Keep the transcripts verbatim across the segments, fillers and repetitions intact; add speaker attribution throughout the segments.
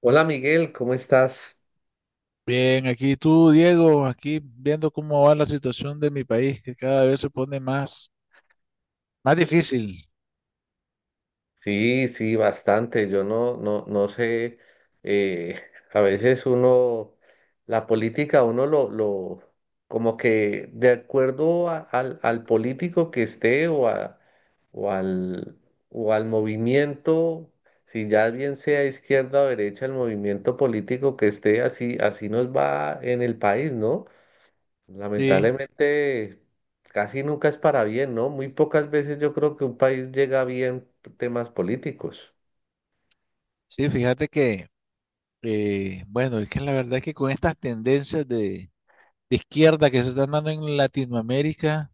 Speaker 1: Hola Miguel, ¿cómo estás?
Speaker 2: Bien, aquí tú, Diego, aquí viendo cómo va la situación de mi país, que cada vez se pone más, más difícil.
Speaker 1: Sí, sí, bastante. Yo no, no, no sé. eh, a veces uno, la política, uno lo, lo, como que de acuerdo a- al, al político que esté o a- o al, o al movimiento, si ya bien sea izquierda o derecha, el movimiento político que esté, así, así nos va en el país, ¿no?
Speaker 2: Sí,
Speaker 1: Lamentablemente, casi nunca es para bien, ¿no? Muy pocas veces yo creo que un país llega bien temas políticos.
Speaker 2: sí, fíjate que, eh, bueno, es que la verdad es que con estas tendencias de, de izquierda que se están dando en Latinoamérica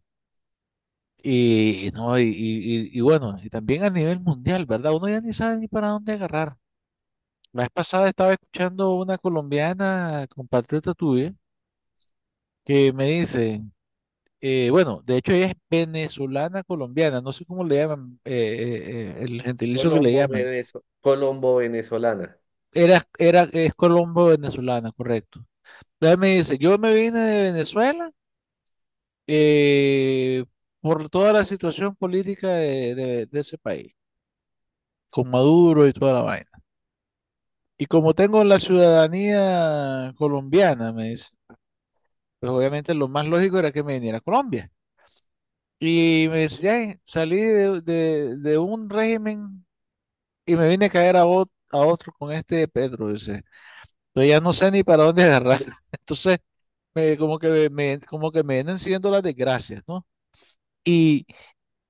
Speaker 2: y, y no, y, y- y- y bueno, y también a nivel mundial, ¿verdad? Uno ya ni sabe ni para dónde agarrar. La vez pasada estaba escuchando una colombiana, compatriota tuya, que me dice… eh, bueno, de hecho ella es venezolana colombiana, no sé cómo le llaman, eh, eh, eh, el gentilicio que le
Speaker 1: Colombo,
Speaker 2: llaman.
Speaker 1: Venezo- Colombo venezolana.
Speaker 2: Era, era, es colombo venezolana, correcto. Entonces me dice, yo me vine de Venezuela, eh, por toda la situación política de, de- de ese país, con Maduro y toda la vaina. Y como tengo la ciudadanía colombiana, me dice, pues obviamente lo más lógico era que me viniera a Colombia. Y me decía, "Ay, salí de, de- de un régimen y me vine a caer a, ot- a otro con este de Pedro", dice. Yo ya no sé ni para dónde agarrar. Entonces, me- como que me, como que me vienen siguiendo las desgracias, ¿no? Y,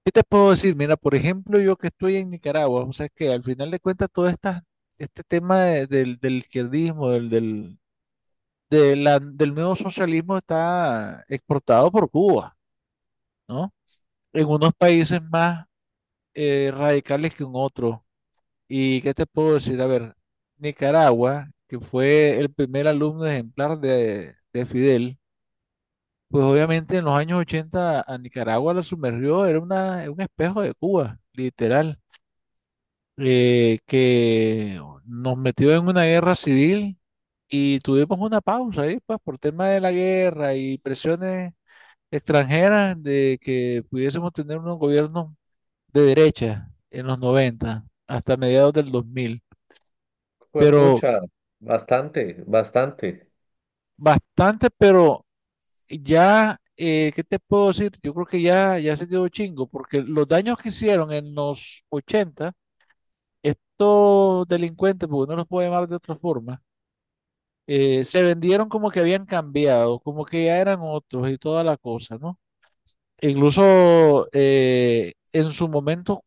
Speaker 2: ¿qué te puedo decir? Mira, por ejemplo, yo que estoy en Nicaragua, o sea, que al final de cuentas todo esta, este tema de- del, del izquierdismo, del, del, de la- del nuevo socialismo está exportado por Cuba, ¿no? En unos países más eh, radicales que en otros. ¿Y qué te puedo decir? A ver, Nicaragua, que fue el primer alumno ejemplar de, de Fidel, pues obviamente en los años ochenta a Nicaragua la sumergió, era una, un espejo de Cuba, literal, eh, que nos metió en una guerra civil y tuvimos una pausa ahí, pues por tema de la guerra y presiones extranjeras de que pudiésemos tener unos gobiernos de derecha en los noventa hasta mediados del dos mil.
Speaker 1: Fue
Speaker 2: Pero
Speaker 1: pucha, bastante, bastante.
Speaker 2: bastante, pero ya, eh, ¿qué te puedo decir? Yo creo que ya, ya se quedó chingo, porque los daños que hicieron en los ochenta estos delincuentes, porque no los puedo llamar de otra forma, eh, se vendieron como que habían cambiado, como que ya eran otros y toda la cosa, ¿no? E incluso eh, en su momento,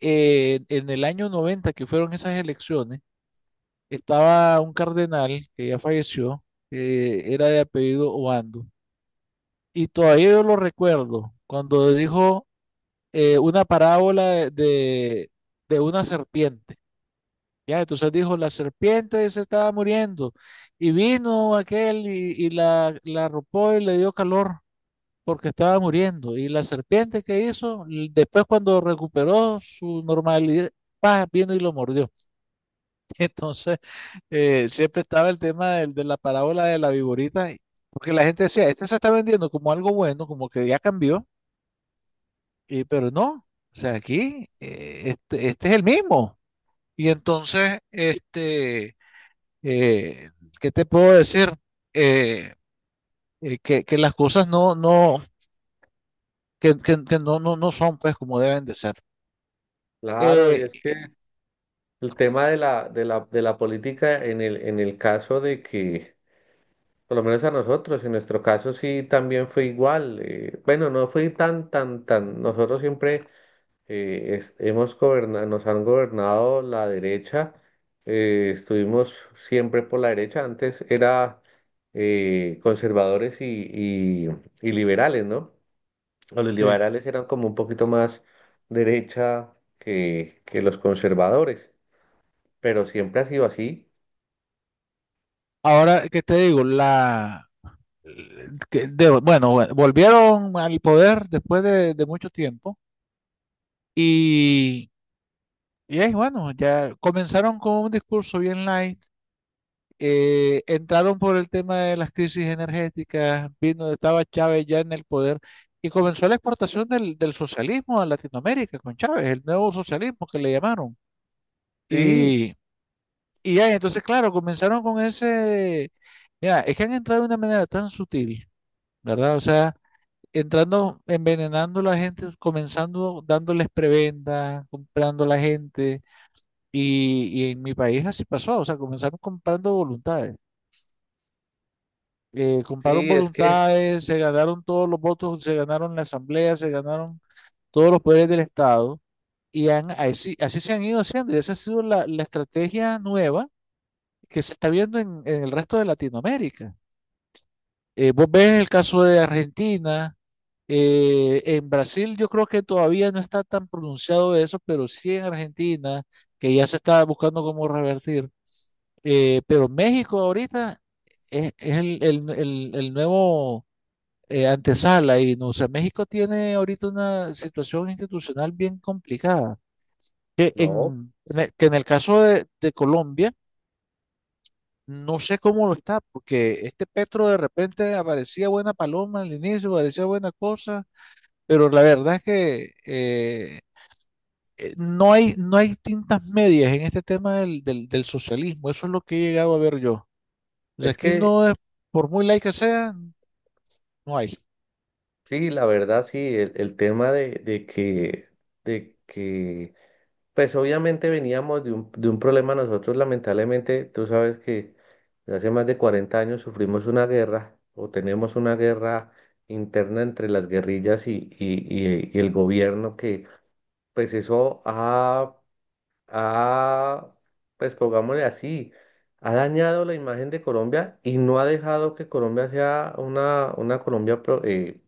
Speaker 2: eh, en el año noventa que fueron esas elecciones, estaba un cardenal que ya falleció, que era de apellido Obando. Y todavía yo lo recuerdo cuando dijo eh, una parábola de, de, de una serpiente. Ya, entonces dijo, la serpiente se estaba muriendo y vino aquel y, y la, la arropó y le dio calor porque estaba muriendo. Y la serpiente que hizo, L- después cuando recuperó su normalidad, paz, vino y lo mordió. Entonces, eh, siempre estaba el tema del- de la parábola de la viborita, porque la gente decía, este se está vendiendo como algo bueno, como que ya cambió. Y, pero no, o sea, aquí eh, este, este es el mismo. Y entonces, este, eh, ¿qué te puedo decir? Eh, eh, que, que las cosas no, no, que, que- que no, no, no son pues como deben de ser.
Speaker 1: Claro, y
Speaker 2: Eh,
Speaker 1: es que el tema de la, de la, de la política en el, en el caso de que, por lo menos a nosotros, en nuestro caso sí también fue igual. Eh, bueno, no fue tan, tan, tan. Nosotros siempre eh, es- hemos goberna- nos han gobernado la derecha, eh, estuvimos siempre por la derecha, antes era eh, conservadores y, y- y liberales, ¿no? O los
Speaker 2: Sí.
Speaker 1: liberales eran como un poquito más derecha que, que los conservadores, pero siempre ha sido así.
Speaker 2: Ahora, ¿qué te digo? La, eh, que de- bueno, bueno, volvieron al poder después de, de mucho tiempo y, y ahí, bueno, ya comenzaron con un discurso bien light. eh, entraron por el tema de las crisis energéticas, vino, estaba Chávez ya en el poder y comenzó la exportación del, del socialismo a Latinoamérica con Chávez, el nuevo socialismo que le llamaron.
Speaker 1: Sí,
Speaker 2: Y, y ya, entonces, claro, comenzaron con ese, mira, es que han entrado de una manera tan sutil, ¿verdad? O sea, entrando, envenenando a la gente, comenzando dándoles prebenda, comprando a la gente. Y, y en mi país así pasó, o sea, comenzaron comprando voluntades. Eh,
Speaker 1: sí,
Speaker 2: compraron
Speaker 1: es que,
Speaker 2: voluntades, se ganaron todos los votos, se ganaron la asamblea, se ganaron todos los poderes del Estado y han- así, así se han ido haciendo y esa ha sido la, la estrategia nueva que se está viendo en, en el resto de Latinoamérica. Eh, vos ves el caso de Argentina, eh, en Brasil yo creo que todavía no está tan pronunciado eso, pero sí en Argentina, que ya se está buscando cómo revertir. Eh, pero México ahorita es, es el el- el- el nuevo eh, antesala y no, o sea, México tiene ahorita una situación institucional bien complicada, que
Speaker 1: no,
Speaker 2: en, en el, que en el caso de, de Colombia, no sé cómo lo está, porque este Petro de repente aparecía buena paloma al inicio, aparecía buena cosa, pero la verdad es que eh, eh, no hay, no hay tintas medias en este tema del, del, del socialismo, eso es lo que he llegado a ver yo. O sea,
Speaker 1: es
Speaker 2: aquí
Speaker 1: que,
Speaker 2: no es, por muy laica que sea, no hay.
Speaker 1: sí, la verdad, sí, el, el tema de, de que... De que pues obviamente veníamos de un, de un problema nosotros, lamentablemente, tú sabes que hace más de cuarenta años sufrimos una guerra o tenemos una guerra interna entre las guerrillas y, y- y- y el gobierno que pues eso ha, ha, pues pongámosle así, ha dañado la imagen de Colombia y no ha dejado que Colombia sea una, una Colombia pro- eh,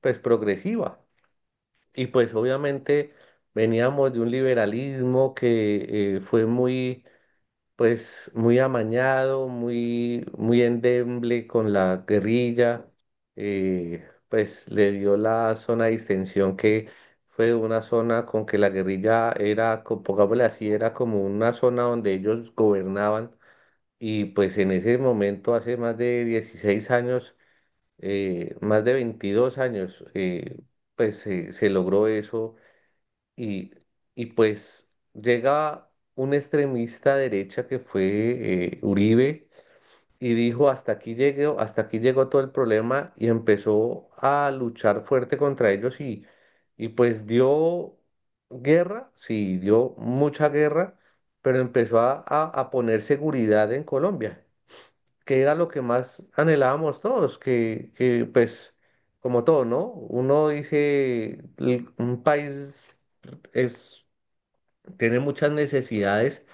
Speaker 1: pues progresiva. Y pues obviamente veníamos de un liberalismo que eh, fue muy, pues, muy amañado, muy, muy endeble con la guerrilla, eh, pues le dio la zona de distensión que fue una zona con que la guerrilla era, co- pongámosle así, era como una zona donde ellos gobernaban y pues en ese momento, hace más de dieciséis años, eh, más de veintidós años, eh, pues se se logró eso y, y pues llega un extremista derecha que fue eh, Uribe y dijo hasta aquí llegó, hasta aquí llegó todo el problema y empezó a luchar fuerte contra ellos y, y pues dio guerra, sí, dio mucha guerra, pero empezó a, a, a poner seguridad en Colombia, que era lo que más anhelábamos todos, que, que pues... Como todo, ¿no? Uno dice, "L- un país es tiene muchas necesidades,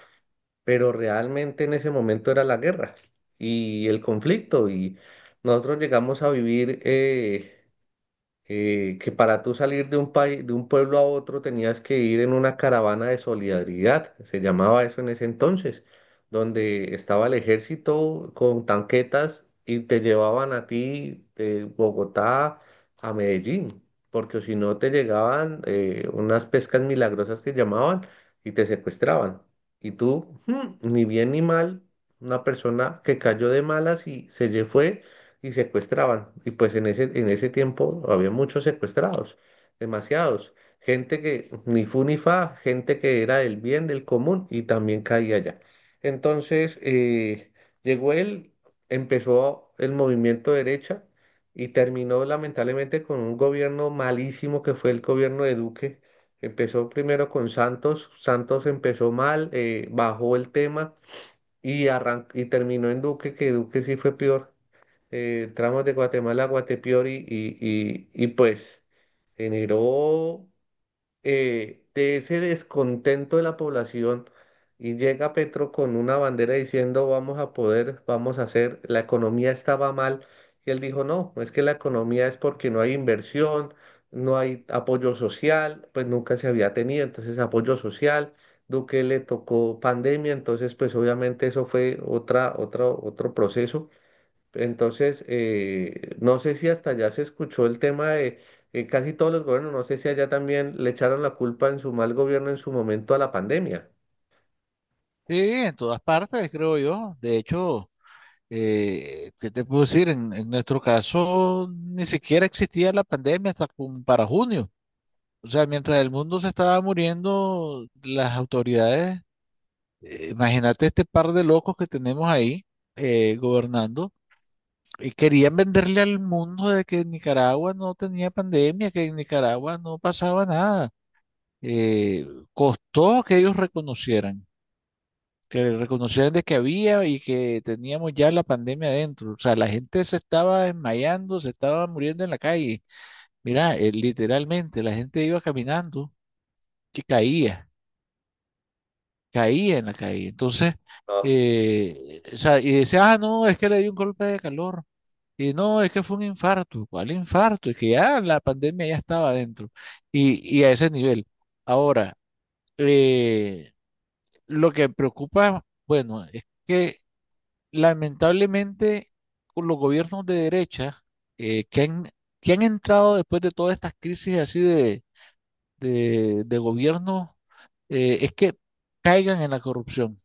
Speaker 1: pero realmente en ese momento era la guerra y el conflicto y nosotros llegamos a vivir... eh, eh, que para tú salir de un país, de un pueblo a otro tenías que ir en una caravana de solidaridad, se llamaba eso en ese entonces, donde estaba el ejército con tanquetas y te llevaban a ti de Bogotá a Medellín, porque si no te llegaban eh, unas pescas milagrosas que llamaban y te secuestraban. Y tú, mm, ni bien ni mal, una persona que cayó de malas y se lle- fue y secuestraban. Y pues en ese, en ese tiempo había muchos secuestrados, demasiados. Gente que ni fu ni fa, gente que era del bien, del común y también caía allá. Entonces eh, llegó él, empezó el movimiento derecha y terminó lamentablemente con un gobierno malísimo que fue el gobierno de Duque. Empezó primero con Santos, Santos empezó mal, eh, bajó el tema y, arran- y terminó en Duque, que Duque sí fue peor eh, tramos de Guatemala a Guatepeori y, y, y pues generó eh, de ese descontento de la población y llega Petro con una bandera diciendo vamos a poder, vamos a hacer, la economía estaba mal y él dijo no, es que la economía es porque no hay inversión, no hay apoyo social, pues nunca se había tenido, entonces apoyo social. Duque le tocó pandemia, entonces pues obviamente eso fue otra, otra, otro proceso. Entonces, eh, no sé si hasta allá se escuchó el tema de eh, casi todos los gobiernos, no sé si allá también le echaron la culpa en su mal gobierno en su momento a la pandemia.
Speaker 2: Sí, en todas partes, creo yo. De hecho, Eh, ¿qué te puedo decir? En, en nuestro caso, ni siquiera existía la pandemia hasta como para junio. O sea, mientras el mundo se estaba muriendo, las autoridades, eh, imagínate este par de locos que tenemos ahí eh, gobernando, y querían venderle al mundo de que Nicaragua no tenía pandemia, que en Nicaragua no pasaba nada. Eh, costó que ellos reconocieran que reconocieran de que había y que teníamos ya la pandemia adentro. O sea, la gente se estaba desmayando, se estaba muriendo en la calle. Mira, eh, literalmente la gente iba caminando que caía, caía en la calle. Entonces,
Speaker 1: No,
Speaker 2: eh, o sea, y decía, ah, no, es que le dio un golpe de calor. Y no, es que fue un infarto. ¿Cuál infarto? Es que ya la pandemia ya estaba adentro. Y, y a ese nivel. Ahora, eh, lo que preocupa, bueno, es que lamentablemente con los gobiernos de derecha eh, que han, que han entrado después de todas estas crisis así de, de, de gobierno, eh, es que caigan en la corrupción.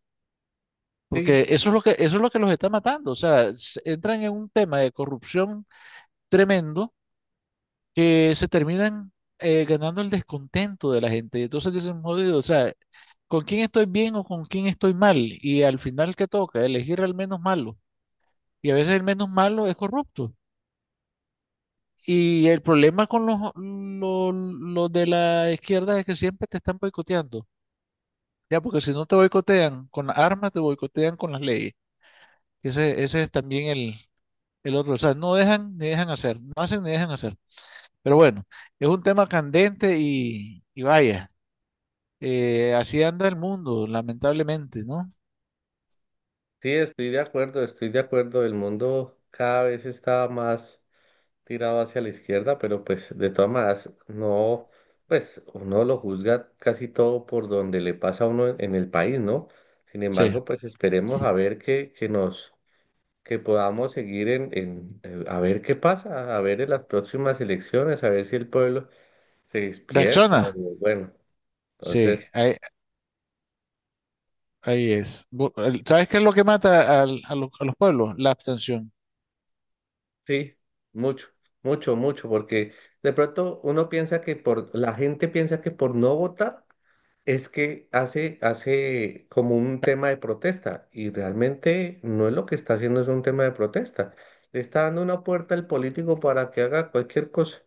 Speaker 1: sí,
Speaker 2: Porque eso es lo que, eso es lo que los está matando. O sea, s- entran en un tema de corrupción tremendo que se terminan eh, ganando el descontento de la gente. Y entonces dicen, jodido, o sea, ¿con quién estoy bien o con quién estoy mal? Y al final, ¿qué toca? Elegir al menos malo. Y a veces el menos malo es corrupto. Y el problema con los, los, los de la izquierda es que siempre te están boicoteando. Ya, porque si no te boicotean con las armas, te boicotean con las leyes. Ese, ese es también el, el otro. O sea, no dejan ni dejan hacer, no hacen ni dejan hacer. Pero bueno, es un tema candente y, y vaya, eh, así anda el mundo, lamentablemente, ¿no?
Speaker 1: sí, estoy de acuerdo, estoy de acuerdo. El mundo cada vez está más tirado hacia la izquierda, pero pues de todas maneras, no, pues uno lo juzga casi todo por donde le pasa a uno en, en el país, ¿no? Sin
Speaker 2: Sí.
Speaker 1: embargo, pues esperemos a ver que, que nos que podamos seguir en, en, eh, a ver qué pasa, a ver en las próximas elecciones, a ver si el pueblo se despierta o
Speaker 2: Reacciona.
Speaker 1: bueno,
Speaker 2: Sí,
Speaker 1: entonces
Speaker 2: ahí, ahí es. Bu- el- ¿Sabes qué es lo que mata al- a, lo- a los pueblos? La abstención.
Speaker 1: sí, mucho, mucho, mucho, porque de pronto uno piensa que por, la gente piensa que por no votar es que hace, hace como un tema de protesta y realmente no es lo que está haciendo, es un tema de protesta. Le está dando una puerta al político para que haga cualquier cosa.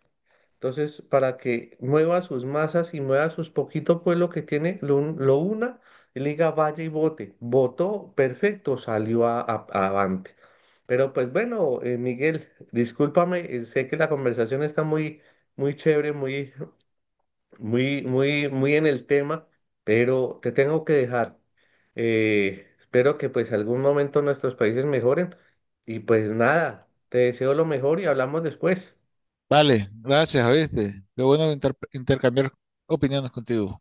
Speaker 1: Entonces, para que mueva sus masas y mueva sus poquito pueblo que tiene, lo, un- lo una y le diga vaya y vote. Votó, perfecto, salió a, a- avante. Pero pues bueno, eh, Miguel, discúlpame, eh, sé que la conversación está muy, muy chévere, muy, muy, muy, muy en el tema, pero te tengo que dejar. Eh, espero que pues algún momento nuestros países mejoren y pues nada, te deseo lo mejor y hablamos después.
Speaker 2: Vale, gracias, ¿oíste? Qué bueno inter- intercambiar opiniones contigo.